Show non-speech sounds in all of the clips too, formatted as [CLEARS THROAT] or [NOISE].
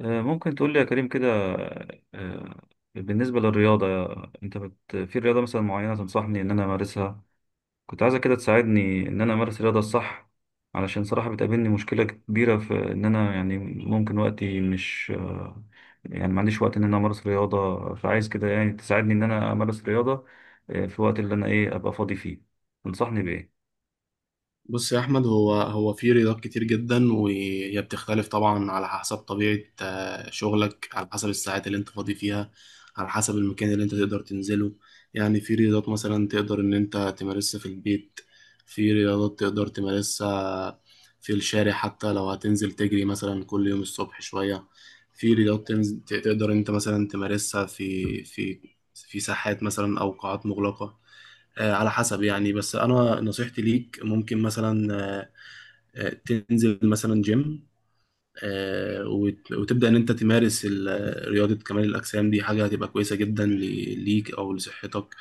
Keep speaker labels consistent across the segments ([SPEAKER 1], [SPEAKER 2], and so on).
[SPEAKER 1] ممكن تقول لي يا كريم كده. آه، بالنسبة للرياضة، في رياضة مثلا معينة تنصحني إن أنا أمارسها؟ كنت عايزة كده تساعدني إن أنا أمارس الرياضة الصح، علشان صراحة بتقابلني مشكلة كبيرة في إن أنا يعني ممكن وقتي مش يعني ما عنديش وقت إن أنا أمارس رياضة، فعايز كده يعني تساعدني إن أنا أمارس رياضة في الوقت اللي أنا إيه أبقى فاضي فيه. تنصحني بإيه؟
[SPEAKER 2] بص يا احمد هو في رياضات كتير جدا وهي بتختلف طبعا على حسب طبيعه شغلك على حسب الساعات اللي انت فاضي فيها. على حسب المكان اللي انت تقدر تنزله. يعني في رياضات مثلا تقدر ان انت تمارسها في البيت. في رياضات تقدر تمارسها في الشارع حتى لو هتنزل تجري مثلا كل يوم الصبح شويه. في رياضات تقدر انت مثلا تمارسها في في ساحات مثلا او قاعات مغلقه. على حسب يعني، بس انا نصيحتي ليك ممكن مثلا آه، تنزل مثلا جيم، وتبدا ان انت تمارس رياضه كمال الاجسام، دي حاجه هتبقى كويسه جدا ليك او لصحتك،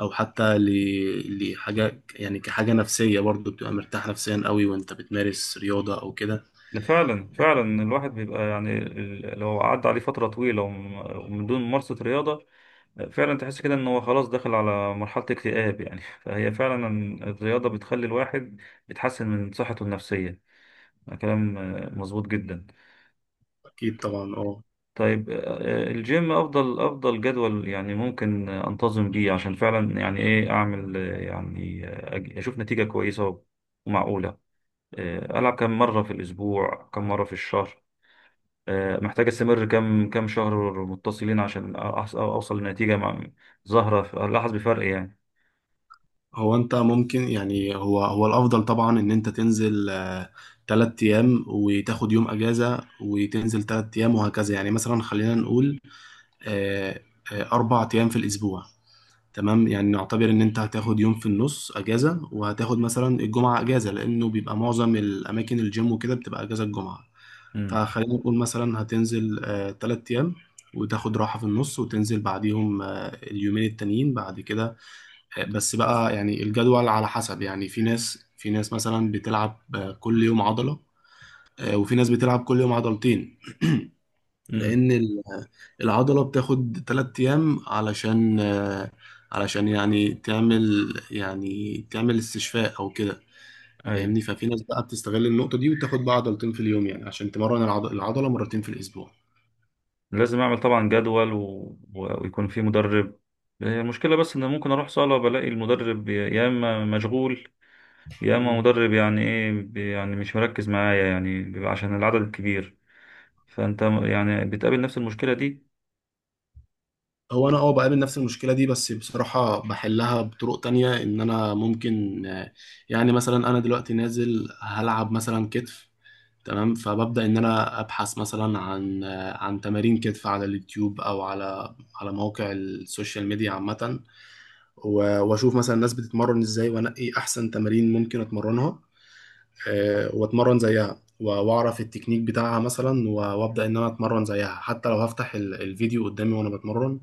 [SPEAKER 2] او حتى لحاجه يعني كحاجه نفسيه، برضو بتبقى مرتاح نفسيا قوي وانت بتمارس رياضه او كده.
[SPEAKER 1] ده فعلا فعلا الواحد بيبقى يعني لو عدى عليه فترة طويلة ومن دون ممارسة رياضة فعلا تحس كده ان هو خلاص داخل على مرحلة اكتئاب يعني [LAUGHS] فهي فعلا الرياضة بتخلي الواحد بتحسن من صحته النفسية. كلام مظبوط جدا.
[SPEAKER 2] اكيد طبعا اه.
[SPEAKER 1] طيب الجيم افضل جدول يعني ممكن انتظم بيه عشان فعلا يعني ايه اعمل يعني اشوف نتيجة كويسة ومعقولة. العب كم مرة في الاسبوع، كم مرة في الشهر؟ محتاج استمر كم شهر متصلين عشان اوصل لنتيجة ظاهرة الاحظ بفرق يعني.
[SPEAKER 2] هو انت ممكن يعني هو الافضل طبعا ان انت تنزل تلات ايام وتاخد يوم اجازه وتنزل تلات ايام وهكذا. يعني مثلا خلينا نقول آه، اربع ايام في الاسبوع. تمام، يعني نعتبر ان انت هتاخد يوم في النص اجازه وهتاخد مثلا الجمعه اجازه، لانه بيبقى معظم الاماكن الجيم وكده بتبقى اجازه الجمعه. فخلينا نقول مثلا هتنزل تلات ايام وتاخد راحه في النص وتنزل بعديهم اليومين التانيين بعد كده. بس بقى يعني الجدول على حسب، يعني في ناس، في ناس مثلا بتلعب كل يوم عضلة، وفي ناس بتلعب كل يوم عضلتين.
[SPEAKER 1] امم.
[SPEAKER 2] لأن العضلة بتاخد تلات أيام علشان علشان يعني تعمل يعني تعمل استشفاء أو كده.
[SPEAKER 1] اي.
[SPEAKER 2] فاهمني؟ ففي ناس بقى بتستغل النقطة دي وتاخد بقى عضلتين في اليوم يعني عشان تمرن العضلة مرتين في الأسبوع.
[SPEAKER 1] لازم اعمل طبعا جدول ويكون في مدرب. هي المشكله بس ان ممكن اروح صاله بلاقي المدرب، يا اما مشغول يا اما مدرب، يعني ايه، يعني مش مركز معايا يعني بيبقى عشان العدد الكبير. فانت يعني بتقابل نفس المشكله دي.
[SPEAKER 2] هو انا اه بقابل نفس المشكله دي، بس بصراحه بحلها بطرق تانية. ان انا ممكن يعني مثلا انا دلوقتي نازل هلعب مثلا كتف، تمام، فببدا ان انا ابحث مثلا عن عن تمارين كتف على اليوتيوب او على على مواقع السوشيال ميديا عامه، واشوف مثلا الناس بتتمرن ازاي وانقي احسن تمارين ممكن اتمرنها، واتمرن زيها واعرف التكنيك بتاعها مثلا وابدا ان انا اتمرن زيها، حتى لو هفتح الفيديو قدامي وانا بتمرن،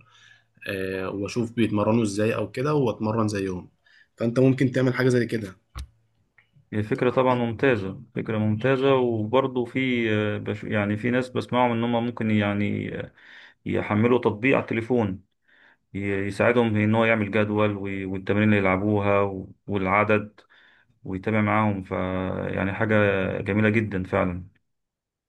[SPEAKER 2] واشوف بيتمرنوا ازاي او كده واتمرن زيهم. فانت ممكن تعمل حاجه زي كده.
[SPEAKER 1] هي فكره طبعا ممتازه، فكره ممتازه، وبرضه في يعني في ناس بسمعهم ان هم ممكن يعني يحملوا تطبيق على التليفون ي- يساعدهم ان هو يعمل جدول والتمارين اللي يلعبوها والعدد ويتابع معاهم، ف يعني حاجة جميلة جدا فعلا.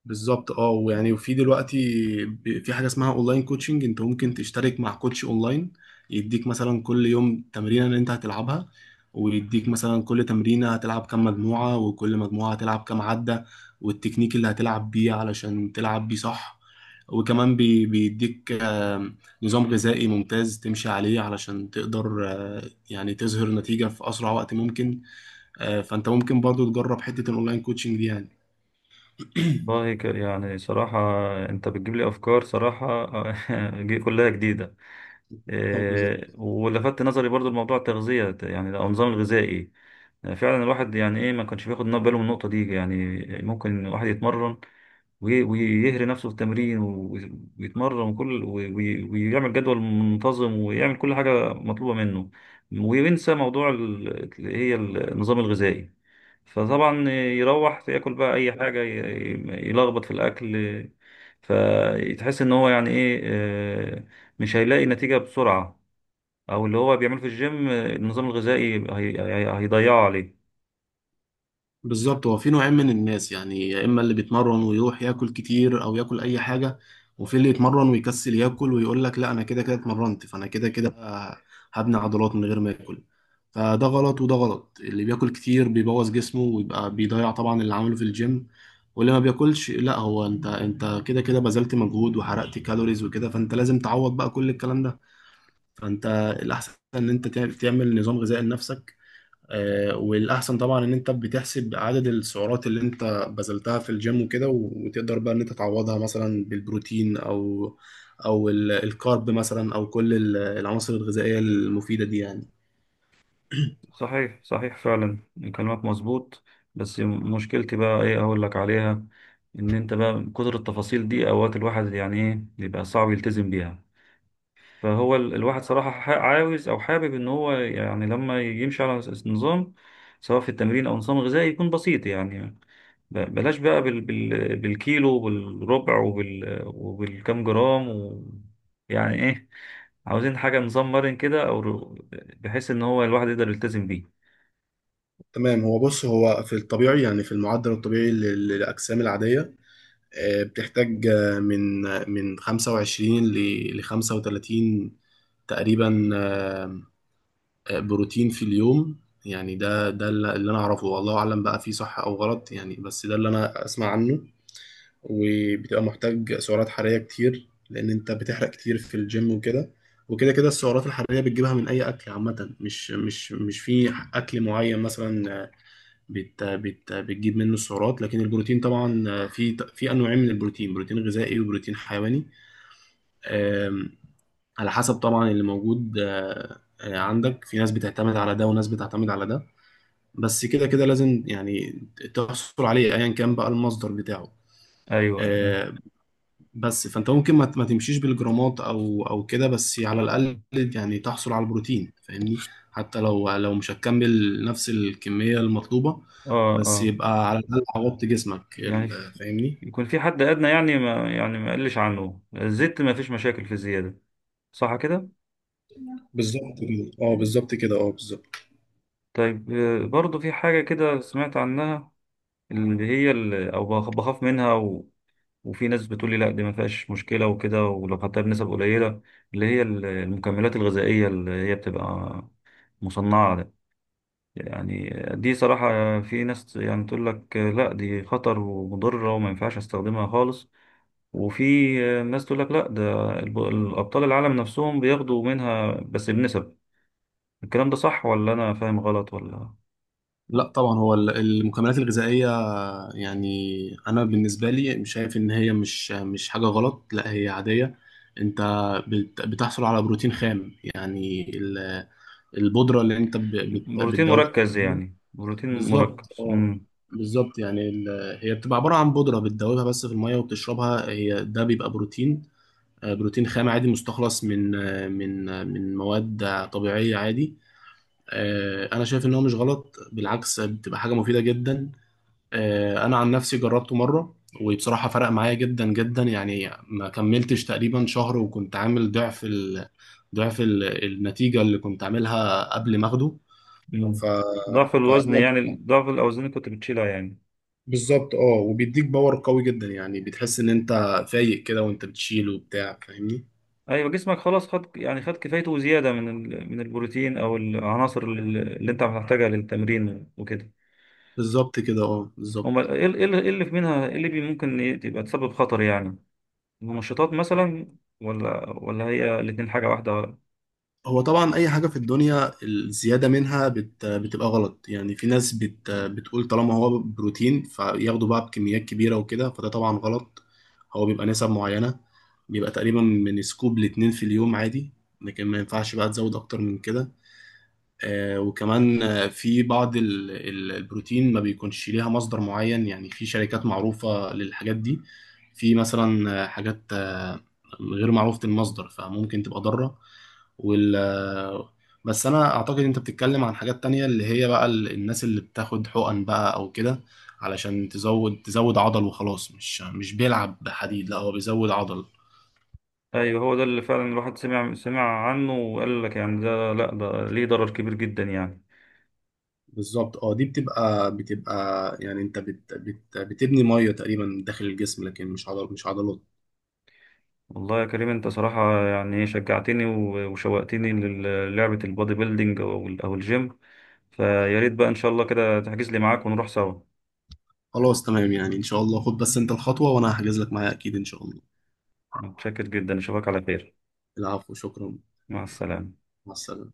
[SPEAKER 2] بالظبط اه. ويعني وفي دلوقتي، في حاجه اسمها اونلاين كوتشنج، انت ممكن تشترك مع كوتش اونلاين يديك مثلا كل يوم تمرينه اللي انت هتلعبها، ويديك مثلا كل تمرينه هتلعب كام مجموعه، وكل مجموعه هتلعب كام عده، والتكنيك اللي هتلعب بيه علشان تلعب بيه صح. وكمان بيديك نظام غذائي ممتاز تمشي عليه علشان تقدر يعني تظهر نتيجه في اسرع وقت ممكن. فانت ممكن برضو تجرب حته الاونلاين كوتشنج دي يعني. [COUGHS]
[SPEAKER 1] والله يعني صراحة أنت بتجيب لي أفكار صراحة [LAUGHS] كلها جديدة.
[SPEAKER 2] [CLEARS THROAT] اه بالظبط.
[SPEAKER 1] إيه، ولفت نظري برضو الموضوع التغذية يعني أو النظام الغذائي. فعلا الواحد يعني إيه ما كانش بياخد باله من النقطة دي يعني. ممكن الواحد يتمرن ويهري نفسه في التمرين ويتمرن وكل ويعمل جدول منتظم ويعمل كل حاجة مطلوبة منه وينسى موضوع اللي هي النظام الغذائي، فطبعا يروح ياكل بقى اي حاجه، يلخبط في الاكل، فتحس ان هو يعني ايه مش هيلاقي نتيجه بسرعه، او اللي هو بيعمله في الجيم النظام الغذائي هيضيعه عليه.
[SPEAKER 2] بالظبط، هو في نوعين من الناس. يعني يا اما اللي بيتمرن ويروح ياكل كتير او ياكل اي حاجه، وفي اللي يتمرن ويكسل ياكل ويقول لك لا انا كده كده اتمرنت فانا كده كده هبني عضلات من غير ما اكل. فده غلط وده غلط. اللي بياكل كتير بيبوظ جسمه ويبقى بيضيع طبعا اللي عمله في الجيم. واللي ما بياكلش، لا هو انت كده كده بذلت مجهود وحرقت كالوريز وكده، فانت لازم تعوض بقى كل الكلام ده. فانت الاحسن ان انت تعمل نظام غذائي لنفسك. والاحسن طبعا ان انت بتحسب عدد السعرات اللي انت بذلتها في الجيم وكده، وتقدر بقى ان انت تعوضها مثلا بالبروتين او او الكارب مثلا، او كل العناصر الغذائيه المفيده دي يعني.
[SPEAKER 1] صحيح صحيح فعلا، كلامك مظبوط. بس مشكلتي بقى ايه اقول لك عليها، ان انت بقى من كتر التفاصيل دي اوقات الواحد يعني ايه بيبقى صعب يلتزم بيها. فهو الواحد صراحة عاوز أو حابب إن هو يعني لما يمشي على نظام، سواء في التمرين أو نظام غذائي، يكون بسيط يعني. بلاش بقى بالكيلو وبالربع وبالكم جرام و... يعني إيه، عاوزين حاجة نظام مرن كده أو بحيث إن هو الواحد يقدر يلتزم بيه.
[SPEAKER 2] تمام، هو بص هو في الطبيعي، يعني في المعدل الطبيعي للاجسام العاديه، بتحتاج من 25 ل 35 تقريبا بروتين في اليوم. يعني ده اللي انا اعرفه، والله اعلم بقى فيه صح او غلط، يعني بس ده اللي انا اسمع عنه. وبتبقى محتاج سعرات حرارية كتير لان انت بتحرق كتير في الجيم وكده. وكده كده السعرات الحرارية بتجيبها من اي اكل عامة، مش في اكل معين مثلا بت بتجيب منه السعرات. لكن البروتين طبعا في في انواعين من البروتين، بروتين غذائي وبروتين حيواني. أم، على حسب طبعا اللي موجود أه، آه، عندك. في ناس بتعتمد على ده وناس بتعتمد على ده، بس كده كده لازم يعني تحصل عليه ايا كان بقى المصدر بتاعه.
[SPEAKER 1] أيوه أيوه.
[SPEAKER 2] آه، بس فانت ممكن ما تمشيش بالجرامات او او كده، بس على الاقل يعني تحصل على البروتين، فاهمني؟ حتى لو مش هتكمل نفس الكمية المطلوبة،
[SPEAKER 1] آه
[SPEAKER 2] بس
[SPEAKER 1] آه.
[SPEAKER 2] يبقى على الاقل عوضت جسمك
[SPEAKER 1] يعني
[SPEAKER 2] فاهمني.
[SPEAKER 1] يكون في حد أدنى، يعني ما يعني ما يقلش عنه الزيت، ما فيش مشاكل في الزيادة، صح كده؟
[SPEAKER 2] بالظبط كده اه، بالظبط كده اه، بالظبط.
[SPEAKER 1] طيب برضو في حاجة كده سمعت عنها، اللي هي أو بخاف منها و... وفي ناس بتقولي لا دي ما فيهاش مشكلة وكده ولو خدتها بنسب قليلة، اللي هي المكملات الغذائية اللي هي بتبقى مصنعة ده يعني. دي صراحة في ناس يعني تقول لك لا دي خطر ومضرة وما ينفعش استخدمها خالص، وفي ناس تقول لك لا ده الأبطال العالم نفسهم بياخدوا منها بس بنسب. الكلام ده صح ولا أنا فاهم غلط ولا؟
[SPEAKER 2] لا طبعا هو المكملات الغذائية يعني انا بالنسبه لي شايف ان هي مش حاجه غلط، لا هي عاديه. انت بتحصل على بروتين خام، يعني البودره اللي انت
[SPEAKER 1] بروتين
[SPEAKER 2] بتدوبها.
[SPEAKER 1] مركز، يعني بروتين
[SPEAKER 2] بالظبط
[SPEAKER 1] مركز.
[SPEAKER 2] اه،
[SPEAKER 1] مم.
[SPEAKER 2] بالظبط. يعني هي بتبقى عباره عن بودره بتدوبها بس في الميه وبتشربها، هي ده بيبقى بروتين، بروتين خام عادي، مستخلص من من مواد طبيعيه، عادي. انا شايف ان هو مش غلط، بالعكس بتبقى حاجه مفيده جدا. انا عن نفسي جربته مره، وبصراحه فرق معايا جدا جدا. يعني ما كملتش تقريبا شهر وكنت عامل ضعف ال... ضعف ال... النتيجه اللي كنت عاملها قبل ما اخده.
[SPEAKER 1] مم.
[SPEAKER 2] ف...
[SPEAKER 1] ضعف الوزن
[SPEAKER 2] فأنا
[SPEAKER 1] يعني ضعف الأوزان اللي كنت بتشيلها يعني.
[SPEAKER 2] بالظبط اه، وبيديك باور قوي جدا، يعني بتحس ان انت فايق كده وانت بتشيل وبتاع، فاهمني؟
[SPEAKER 1] أيوة، جسمك خلاص خد، يعني خد كفايته وزيادة من من البروتين أو العناصر اللي أنت هتحتاجها للتمرين وكده.
[SPEAKER 2] بالظبط كده اه،
[SPEAKER 1] أمال
[SPEAKER 2] بالظبط.
[SPEAKER 1] إيه إيه إيه اللي في منها، إيه ممكن تبقى تسبب خطر يعني؟ المنشطات مثلا؟ ولا هي الاتنين حاجة واحدة؟
[SPEAKER 2] هو طبعا اي حاجه في الدنيا الزياده منها بتبقى غلط. يعني في ناس بتقول طالما هو بروتين فياخدوا بقى بكميات كبيره وكده، فده طبعا غلط. هو بيبقى نسب معينه، بيبقى تقريبا من سكوب لاتنين في اليوم عادي، لكن ما ينفعش بقى تزود اكتر من كده. وكمان في بعض البروتين ما بيكونش ليها مصدر معين. يعني في شركات معروفة للحاجات دي، في مثلا حاجات غير معروفة المصدر فممكن تبقى ضارة. وال آه، بس أنا أعتقد أنت بتتكلم عن حاجات تانية، اللي هي بقى الناس اللي بتاخد حقن بقى أو كده علشان تزود عضل وخلاص، مش بيلعب بحديد، لا هو بيزود عضل.
[SPEAKER 1] أيوة، هو ده اللي فعلا الواحد سمع عنه وقال لك يعني، ده لأ ده ليه ضرر كبير جدا يعني.
[SPEAKER 2] بالظبط اه، دي بتبقى يعني انت بت بتبني ميه تقريبا داخل الجسم، لكن مش عضل، مش عضلات.
[SPEAKER 1] والله يا كريم، انت صراحة يعني ايه، شجعتني وشوقتني للعبة البودي بيلدينج او او الجيم. فيا ريت بقى ان شاء الله كده تحجز لي معاك ونروح سوا.
[SPEAKER 2] خلاص تمام، يعني ان شاء الله خد بس انت الخطوه وانا هحجز لك معايا اكيد ان شاء الله.
[SPEAKER 1] متشكر جدا، اشوفك على خير.
[SPEAKER 2] العفو، شكرا.
[SPEAKER 1] مع السلامة.
[SPEAKER 2] مع السلامه.